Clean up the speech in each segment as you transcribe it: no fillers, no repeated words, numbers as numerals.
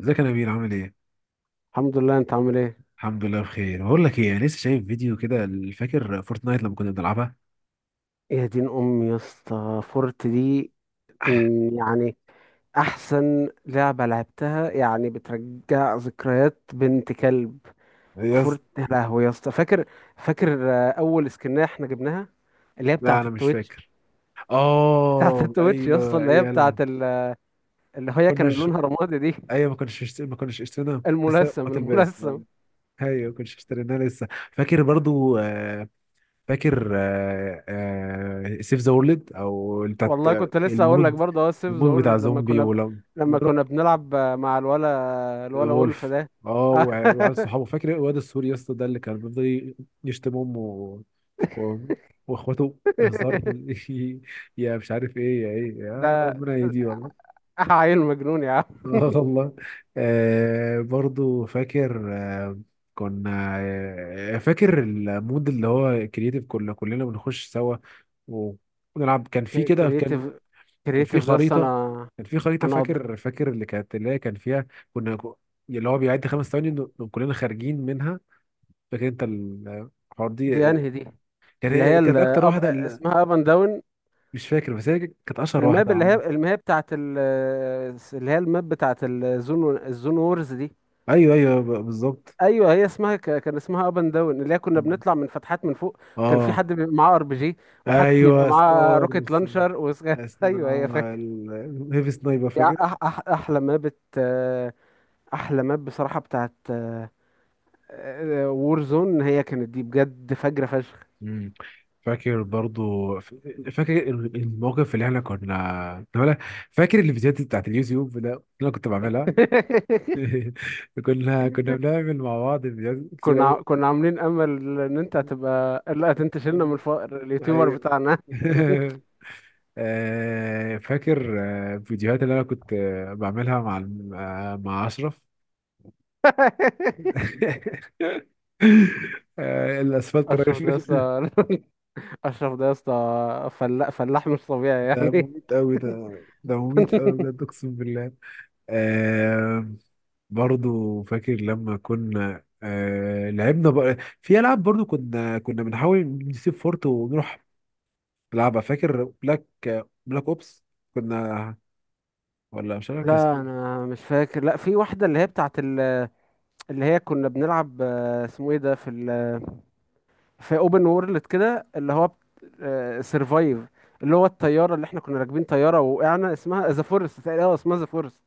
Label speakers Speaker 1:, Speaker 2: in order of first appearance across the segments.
Speaker 1: ازيك يا نبيل؟ عامل ايه؟
Speaker 2: الحمد لله. انت عامل ايه؟
Speaker 1: الحمد لله بخير. بقول لك ايه، انا لسه شايف فيديو كده. فاكر فورتنايت لما كنا بنلعبها؟
Speaker 2: يا دين امي يا اسطى فورت دي. يعني احسن لعبه لعبتها، يعني بترجع ذكريات بنت كلب.
Speaker 1: إيه يا اسطى؟
Speaker 2: فورت يا لهوي يا اسطى، فاكر اول سكنه احنا جبناها، اللي هي
Speaker 1: لا
Speaker 2: بتاعه
Speaker 1: انا مش
Speaker 2: التويتش.
Speaker 1: فاكر.
Speaker 2: بتاعه
Speaker 1: اه
Speaker 2: التويتش يا اسطى،
Speaker 1: ايوه ايوه لا
Speaker 2: اللي هي كان
Speaker 1: كناش.
Speaker 2: لونها رمادي دي.
Speaker 1: ايوه ما كناش اشترينا لسه ما
Speaker 2: الملثم
Speaker 1: تلبس
Speaker 2: الملثم.
Speaker 1: ايوه ما كناش اشتريناها لسه، فاكر برضو فاكر سيف ذا وورلد او بتاعت
Speaker 2: والله كنت لسه اقول لك
Speaker 1: المود.
Speaker 2: برضه اهو السيف ذا
Speaker 1: المود بتاع
Speaker 2: وورلد
Speaker 1: زومبي.
Speaker 2: لما كنا بنلعب مع الولا وولف
Speaker 1: وولف.
Speaker 2: ده.
Speaker 1: اه وعيال صحابه، فاكر الواد السوري يا اسطى ده اللي كان بيفضل يشتم امه و واخواته بهزار. يا مش عارف ايه يا ايه، يا
Speaker 2: ده
Speaker 1: ربنا يهديه والله.
Speaker 2: عيل مجنون يا عم.
Speaker 1: اه والله. آه برضو فاكر. آه كنا آه فاكر المود اللي هو كرييتيف، كنا كلنا بنخش سوا ونلعب. كان في كده،
Speaker 2: كرييتيف،
Speaker 1: كان في
Speaker 2: ده أصل
Speaker 1: خريطه
Speaker 2: انا،
Speaker 1: كان في خريطه.
Speaker 2: انا قض-
Speaker 1: فاكر؟ فاكر اللي كانت، اللي هي كان فيها، كنا اللي هو بيعد خمس ثواني إنه كلنا خارجين منها. فاكر انت الحوار
Speaker 2: دي
Speaker 1: دي؟
Speaker 2: انهي دي؟
Speaker 1: كان هي كانت اكتر واحده اللي،
Speaker 2: اسمها اب اند داون.
Speaker 1: مش فاكر، بس هي كانت اشهر
Speaker 2: الماب
Speaker 1: واحده
Speaker 2: اللي هي اللي هي اللي هي الماب بتاعت الزون وورز دي.
Speaker 1: ايوه ايوه بالظبط.
Speaker 2: ايوه، هي اسمها، كان اسمها اب اند داون، اللي هي كنا بنطلع من فتحات من فوق. كان في
Speaker 1: اه
Speaker 2: حد بيبقى معاه ار بي جي، وحد يبقى
Speaker 1: ايوه
Speaker 2: معاه
Speaker 1: سكار،
Speaker 2: روكيت لانشر ايوه، هي فاكر.
Speaker 1: هيفي سنايبر
Speaker 2: دي
Speaker 1: فاكر.
Speaker 2: أح... أح... احلى ماب بت... احلى ماب بصراحة بتاعت وور زون. هي كانت دي بجد فجرة فشخ.
Speaker 1: مم. فاكر برضو فاكر الموقف اللي احنا كنا كنا- فاكر الفيديوهات بتاعت اليوتيوب ده اللي انا كنت بعملها. كنا بنعمل مع بعض فيديوهات كتير أوي.
Speaker 2: كنا عاملين امل ان انت هتبقى، لا ده انت شلنا من الفقر، اليوتيوبر
Speaker 1: أيوة.
Speaker 2: بتاعنا.
Speaker 1: فاكر الفيديوهات اللي أنا كنت بعملها مع مع أشرف. الأسفلت
Speaker 2: اشرف ده يا
Speaker 1: رايفل.
Speaker 2: اسطى. اشرف ده يا اسطى فلاح، فلاح مش طبيعي
Speaker 1: ده
Speaker 2: يعني.
Speaker 1: مميت أوي ده. ده مميت أوي بجد، أقسم بالله. آه، برضو فاكر لما كنا لعبنا بقى في ألعاب برضو، كنا بنحاول نسيب فورت ونروح لعبة. فاكر بلاك؟ بلاك اوبس. كنا ولا مش عارف اسمه
Speaker 2: لا
Speaker 1: إيه.
Speaker 2: انا مش فاكر. لا، في واحدة اللي هي بتاعت ال- اللي هي كنا بنلعب، اسمه ايه ده؟ في اوبن وورلد كده، اللي هو سرفايف، اللي هو الطياره اللي احنا كنا راكبين طياره وقعنا، اسمها ذا فورست تقريبا. اه اسمها ذا فورست،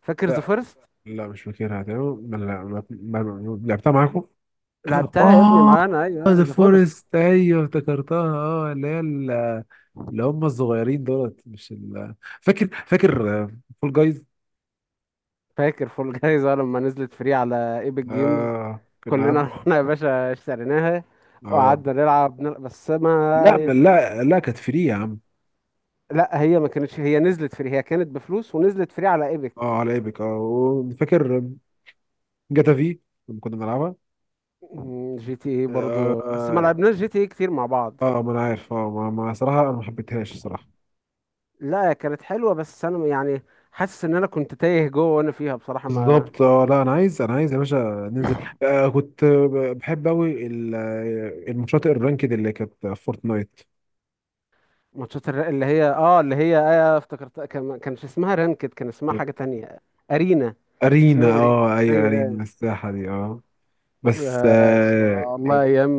Speaker 2: فاكر ذا
Speaker 1: لا
Speaker 2: فورست؟
Speaker 1: لا مش فاكرها تمام. ما- لا ما- ما- ما- لعبتها معاكم.
Speaker 2: لعبتها يا ابني
Speaker 1: اه.
Speaker 2: معانا، ايوه
Speaker 1: ذا
Speaker 2: ذا فورست.
Speaker 1: فورست ايوه افتكرتها، اه اللي هي اللي هم الصغيرين دولت، مش ال... فاكر فاكر فول جايز.
Speaker 2: فاكر فول جايزه لما نزلت فري على ايبك جيمز؟
Speaker 1: اه كنا
Speaker 2: كلنا
Speaker 1: عم...
Speaker 2: رحنا يا باشا اشتريناها،
Speaker 1: اه
Speaker 2: وقعدنا نلعب بس
Speaker 1: لا
Speaker 2: ما...
Speaker 1: لا كانت فري يا عم.
Speaker 2: لا هي ما كانتش، هي نزلت فري، هي كانت بفلوس ونزلت فري على ايبك.
Speaker 1: اه على ايبك. اه وفاكر جاتا في لما كنا بنلعبها.
Speaker 2: جي تي اي برضه، بس ما
Speaker 1: آه.
Speaker 2: لعبناش جي تي اي كتير مع بعض.
Speaker 1: اه ما انا عارف. اه ما ما صراحه أنا ما حبيتهاش صراحه.
Speaker 2: لا كانت حلوه بس انا يعني حاسس ان انا كنت تايه جوه وانا فيها بصراحه، ما...
Speaker 1: بالظبط. اه لا انا عايز يا باشا ننزل. آه كنت بحب قوي الماتشات الرانكد اللي كانت في فورتنايت.
Speaker 2: اللي هي، اه اللي هي آه افتكرتها، كان ما كانش اسمها رانكد، كان اسمها
Speaker 1: كانت
Speaker 2: حاجه تانية. ارينا،
Speaker 1: ارينا.
Speaker 2: اسمها ارينا،
Speaker 1: اه ايوه
Speaker 2: اي.
Speaker 1: ارينا الساحه دي اه. بس
Speaker 2: آه والله ايام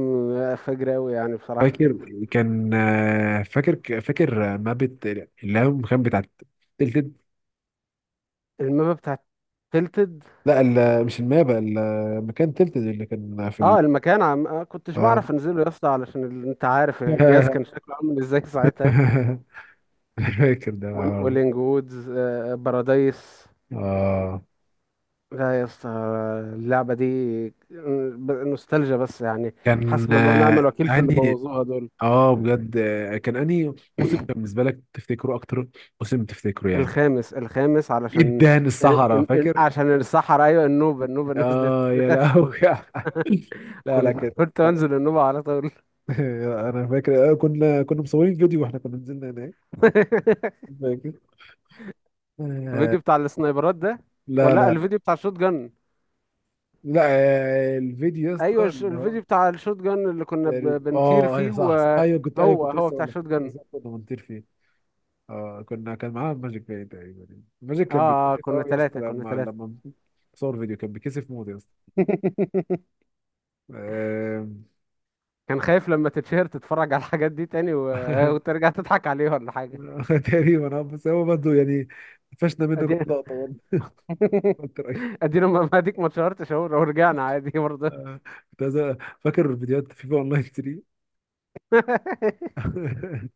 Speaker 2: فجر قوي يعني بصراحه.
Speaker 1: فاكر كان فاكر مابة اللي هي المكان بتاع تلتد.
Speaker 2: المابا بتاعت تلتد.
Speaker 1: لا مش المابة، المكان تلتد اللي كان في
Speaker 2: اه المكان، عم... آه كنتش
Speaker 1: اه.
Speaker 2: بعرف انزله يا اسطى، علشان انت عارف الجهاز كان شكله عامل ازاي ساعتها.
Speaker 1: فاكر ده
Speaker 2: وال-
Speaker 1: العرض.
Speaker 2: ولينج وودز، بارادايس.
Speaker 1: اه
Speaker 2: لا يا اسطى، اللعبة دي نوستالجيا بس يعني.
Speaker 1: كان
Speaker 2: حسبي الله ونعم
Speaker 1: آه،
Speaker 2: الوكيل في اللي
Speaker 1: انهي
Speaker 2: بوظوها دول.
Speaker 1: اه بجد كان انهي موسم كان بالنسبه لك تفتكره اكتر؟ موسم تفتكره يعني.
Speaker 2: الخامس الخامس، علشان
Speaker 1: ادان الصحراء فاكر؟
Speaker 2: عشان الصحراء. ايوه النوبة النوبة نزلت.
Speaker 1: اه يا لهوي. لا لا كان،
Speaker 2: كنت انزل النوبة على طول.
Speaker 1: انا فاكر كنا مصورين فيديو واحنا كنا نزلنا هناك. فاكر؟ آه،
Speaker 2: الفيديو بتاع السنايبرات ده؟
Speaker 1: لا
Speaker 2: ولا لا،
Speaker 1: لا
Speaker 2: الفيديو بتاع الشوت جن.
Speaker 1: لا. الفيديو يا
Speaker 2: ايوه،
Speaker 1: اسطى اللي هو،
Speaker 2: الفيديو بتاع الشوت جن اللي كنا
Speaker 1: تقريبا
Speaker 2: ب- بنطير
Speaker 1: اه ايوه
Speaker 2: فيه،
Speaker 1: صح صح. ايوه
Speaker 2: وهو
Speaker 1: كنت لسه
Speaker 2: بتاع
Speaker 1: اقول لك،
Speaker 2: الشوت
Speaker 1: كنت
Speaker 2: جن.
Speaker 1: لسه أقول لك كنا بنطير فيه. اه كنا كان معاها ماجيك باي تقريبا. ماجيك
Speaker 2: اه
Speaker 1: كان بيتكسف
Speaker 2: كنا
Speaker 1: قوي يا اسطى
Speaker 2: ثلاثة، كنا ثلاثة.
Speaker 1: لما صور فيديو كان بيتكسف موت يا اسطى. آم،
Speaker 2: كان خايف لما تتشهر تتفرج على الحاجات دي تاني و... آه، وترجع تضحك عليه ولا حاجة.
Speaker 1: تقريبا. اه بس هو برضه يعني فشنا منه كم
Speaker 2: ادي.
Speaker 1: لقطه برضه. كنت رايح.
Speaker 2: ادينا، ما اديك ما اتشهرتش اهو، لو رجعنا عادي برضه.
Speaker 1: آه، فاكر فيديوهات فيفا اونلاين 3.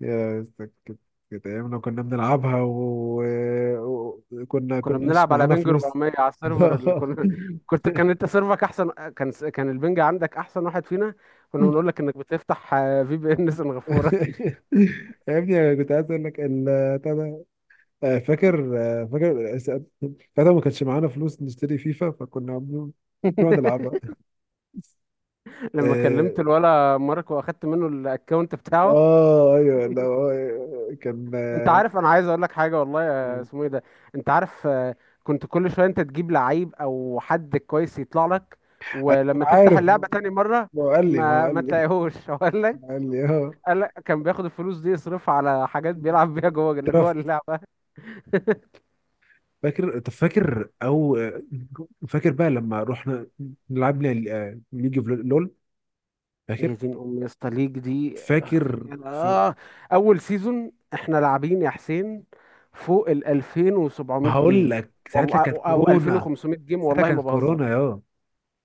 Speaker 1: يا اسطى كانت ايامنا كنا بنلعبها وكنا كنا
Speaker 2: كنا
Speaker 1: كناش
Speaker 2: بنلعب على
Speaker 1: معانا
Speaker 2: بنج
Speaker 1: فلوس.
Speaker 2: 400 على السيرفر
Speaker 1: لا.
Speaker 2: اللي كنا، كنت، كان انت سيرفرك احسن، كان كان البنج عندك احسن واحد فينا. كنا بنقول لك انك بتفتح في بي ان سنغافورة.
Speaker 1: يا ابني انا كنت عايز اقول لك ال... آه، فاكر آه، فاكر فاكر ما كانش معانا فلوس نشتري فيفا فكنا بنقعد نلعبها.
Speaker 2: لما
Speaker 1: اه
Speaker 2: كلمت الولا ماركو واخدت منه الاكونت بتاعه.
Speaker 1: ايوه لا آه، كان
Speaker 2: انت
Speaker 1: آه،
Speaker 2: عارف انا عايز اقول لك حاجه، والله يا اسمه ايه ده، انت عارف، كنت كل شويه انت تجيب لعيب او حد كويس يطلع لك،
Speaker 1: أيوة، انا
Speaker 2: ولما تفتح
Speaker 1: عارف.
Speaker 2: اللعبه تاني مره
Speaker 1: هو قال لي ما هو قال
Speaker 2: ما
Speaker 1: لي
Speaker 2: تلاقيهوش. اقول لك،
Speaker 1: ما هو قال لي اه
Speaker 2: قال لك كان بياخد الفلوس دي يصرفها على حاجات بيلعب بيها جوه
Speaker 1: درافت.
Speaker 2: اللعبه.
Speaker 1: فاكر؟ طب فاكر او آه، فاكر بقى لما رحنا لعبنا ليج اوف لول.
Speaker 2: يا
Speaker 1: فاكر؟
Speaker 2: دين ام يا اسطى ليج دي.
Speaker 1: فاكر ف...
Speaker 2: آه. اول سيزون احنا لاعبين يا حسين فوق ال 2700
Speaker 1: هقول
Speaker 2: جيم
Speaker 1: لك ساعتها
Speaker 2: والله.
Speaker 1: كانت
Speaker 2: او أو
Speaker 1: كورونا.
Speaker 2: 2500 جيم،
Speaker 1: ساعتها
Speaker 2: والله ما
Speaker 1: كانت
Speaker 2: بهزر.
Speaker 1: كورونا يا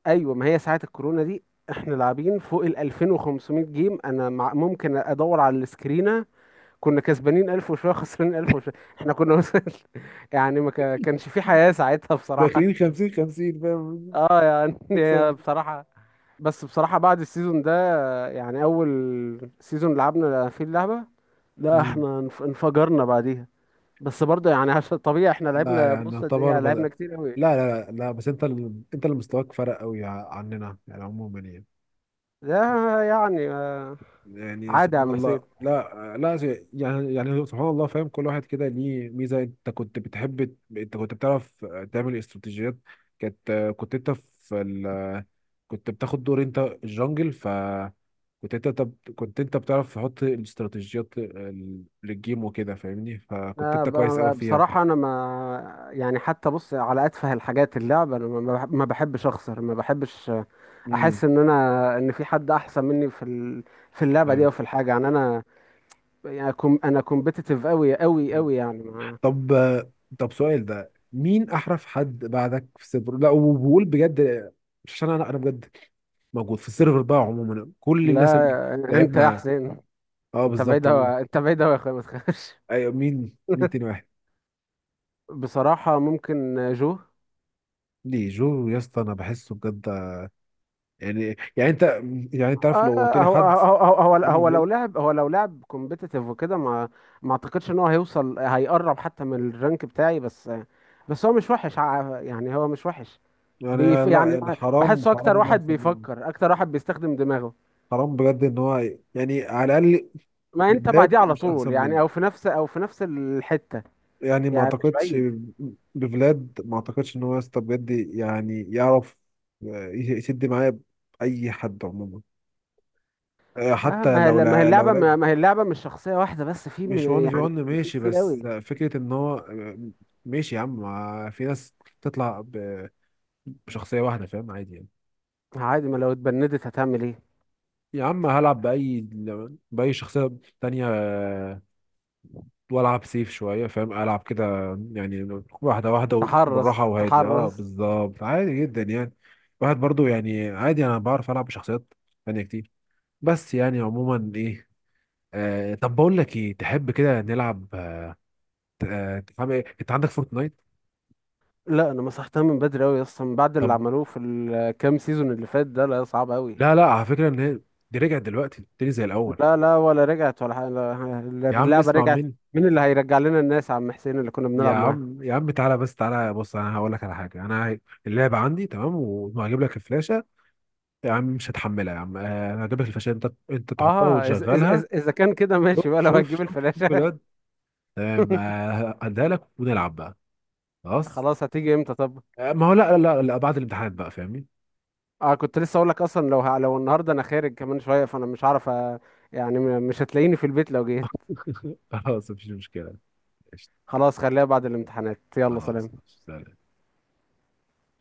Speaker 2: ايوه ما هي ساعه الكورونا دي. احنا لاعبين فوق ال 2500 جيم، انا مع ممكن ادور على السكرينه. كنا كسبانين 1000 وشويه، خسرانين 1000 وشويه. احنا كنا وصل. يعني ما كا- كانش في حياه ساعتها
Speaker 1: داخلين
Speaker 2: بصراحه.
Speaker 1: 50 50 فاهم
Speaker 2: اه يعني
Speaker 1: تكسب.
Speaker 2: هي بصراحه. بس بصراحه بعد السيزون ده، يعني اول سيزون لعبنا فيه اللعبه، لا
Speaker 1: مم.
Speaker 2: احنا انفجرنا بعديها. بس برضه يعني عشان طبيعي احنا
Speaker 1: لا
Speaker 2: لعبنا،
Speaker 1: يعني
Speaker 2: بص قد ايه
Speaker 1: يعتبر
Speaker 2: يعني
Speaker 1: ب...
Speaker 2: لعبنا
Speaker 1: لا
Speaker 2: كتير قوي.
Speaker 1: لا لا لا، بس انت اللي مستواك فرق قوي عننا يعني عموما يعني.
Speaker 2: ده يعني
Speaker 1: يعني
Speaker 2: عادي يا
Speaker 1: سبحان
Speaker 2: عم حسين.
Speaker 1: الله لا لا شيء- يعني يعني سبحان الله، فاهم كل واحد كده ليه ميزة. انت كنت بتعرف تعمل استراتيجيات. كانت كنت انت في ال... كنت بتاخد دور انت الجنجل، ف كنت انت طب كنت انت بتعرف تحط الاستراتيجيات للجيم وكده فاهمني، فكنت
Speaker 2: لا،
Speaker 1: انت كويس قوي فيها.
Speaker 2: بصراحة أنا، ما، يعني حتى بص على أتفه الحاجات، اللعبة أنا ما بحبش أخسر، ما بحبش
Speaker 1: امم
Speaker 2: أحس إن أنا، إن في حد أحسن مني في في اللعبة دي
Speaker 1: ايوه.
Speaker 2: أو في الحاجة، يعني أنا، يعني أنا كومبيتيتيف أوي أوي أوي يعني، ما...
Speaker 1: طب طب سؤال، ده مين احرف حد بعدك في السيرفر؟ لا وبقول بجد، مش عشان انا، انا بجد موجود في السيرفر بقى، عموما كل الناس اللي
Speaker 2: لا أنت يا
Speaker 1: لعبنا
Speaker 2: حسين،
Speaker 1: اه
Speaker 2: أنت بعيد
Speaker 1: بالظبط. مين؟
Speaker 2: أوي، أنت بعيد أوي يا أخويا، ما تخافش.
Speaker 1: ايوه مين، مين تاني واحد؟
Speaker 2: بصراحة ممكن جو.
Speaker 1: ليه جو يا اسطى؟ انا بحسه بجد يعني يعني انت يعني انت عارف
Speaker 2: آه
Speaker 1: لو قلت لي
Speaker 2: هو
Speaker 1: حد
Speaker 2: هو هو هو
Speaker 1: يعني
Speaker 2: هو لو
Speaker 1: غيره
Speaker 2: لعب، لو لعب كومبيتيتيف وكده، ما اعتقدش ان هو هيوصل هيقرب حتى من الرانك بتاعي. بس بس هو مش وحش، يعني هو مش وحش.
Speaker 1: يعني.
Speaker 2: بيف
Speaker 1: لا
Speaker 2: يعني،
Speaker 1: يعني حرام،
Speaker 2: بحسه
Speaker 1: حرام
Speaker 2: اكتر
Speaker 1: انه
Speaker 2: واحد
Speaker 1: احسن مني.
Speaker 2: بيفكر، اكتر واحد بيستخدم دماغه.
Speaker 1: حرام بجد ان هو، يعني على الاقل
Speaker 2: ما انت
Speaker 1: بجد
Speaker 2: بعديه على
Speaker 1: مش
Speaker 2: طول
Speaker 1: احسن
Speaker 2: يعني،
Speaker 1: مني،
Speaker 2: او في نفس الحتة،
Speaker 1: يعني ما
Speaker 2: يعني مش
Speaker 1: اعتقدش.
Speaker 2: بعيد.
Speaker 1: ما اعتقدش ان هو يا اسطى بجد يعني يعرف يسد معايا اي حد عموما، آه،
Speaker 2: آه
Speaker 1: حتى لو
Speaker 2: ما هي
Speaker 1: لا لو
Speaker 2: اللعبة،
Speaker 1: لا
Speaker 2: ما هي اللعبة مش شخصية واحدة بس، في
Speaker 1: مش
Speaker 2: من
Speaker 1: 1 في
Speaker 2: يعني،
Speaker 1: 1
Speaker 2: في
Speaker 1: ماشي،
Speaker 2: كتير
Speaker 1: بس
Speaker 2: قوي.
Speaker 1: آه، فكرة ان هو آه، ماشي يا عم. ما في ناس تطلع بشخصية واحدة فاهم عادي يعني.
Speaker 2: عادي، ما لو اتبندت هتعمل ايه؟
Speaker 1: يا عم هلعب بأي شخصية تانية والعب سيف شويه، فاهم؟ العب كده يعني، واحده واحده
Speaker 2: تحرص
Speaker 1: بالراحه وهادي، اه
Speaker 2: تحرص.
Speaker 1: بالظبط، عادي جدا يعني. واحد برضو يعني عادي، انا بعرف العب بشخصيات تانية كتير، بس يعني عموما ايه. آه طب بقول لك ايه، تحب كده نلعب؟ عامل إيه؟ انت عندك فورتنايت؟
Speaker 2: لا انا مسحتها من بدري قوي اصلا، من بعد
Speaker 1: طب
Speaker 2: اللي عملوه في الكام سيزون اللي فات ده. لا صعب قوي.
Speaker 1: لا لا على فكره ان هي دي رجعت دلوقتي تاني زي الاول.
Speaker 2: لا لا، ولا رجعت ولا حاجة،
Speaker 1: يا عم
Speaker 2: اللعبة
Speaker 1: اسمع
Speaker 2: رجعت؟
Speaker 1: مني.
Speaker 2: مين اللي هيرجع لنا الناس يا عم حسين اللي كنا
Speaker 1: يا
Speaker 2: بنلعب معاه؟
Speaker 1: عم يا عم تعالى بس، تعالى بص انا هقول لك على حاجه. انا اللعبه عندي تمام، وهجيب لك الفلاشه. يا عم مش هتحملها يا عم، انا هجيب لك الفشار، انت انت تحطها
Speaker 2: اه، اذا إز إز
Speaker 1: وتشغلها.
Speaker 2: اذا كان كده ماشي
Speaker 1: شوف
Speaker 2: بقى لو
Speaker 1: شوف
Speaker 2: هتجيب
Speaker 1: شوف شوف
Speaker 2: الفلاشة.
Speaker 1: بجد تمام، هديها لك ونلعب بقى. خلاص
Speaker 2: خلاص، هتيجي امتى طب؟
Speaker 1: ما هو لا، بعد الامتحان بقى فاهمني.
Speaker 2: اه، كنت لسه اقول لك اصلا، لو لو النهارده انا خارج كمان شوية، فانا مش عارف مش هتلاقيني في البيت لو جيت.
Speaker 1: خلاص مفيش مشكلة. قشطة.
Speaker 2: خلاص، خليها بعد الامتحانات. يلا
Speaker 1: خلاص
Speaker 2: سلام.
Speaker 1: سلام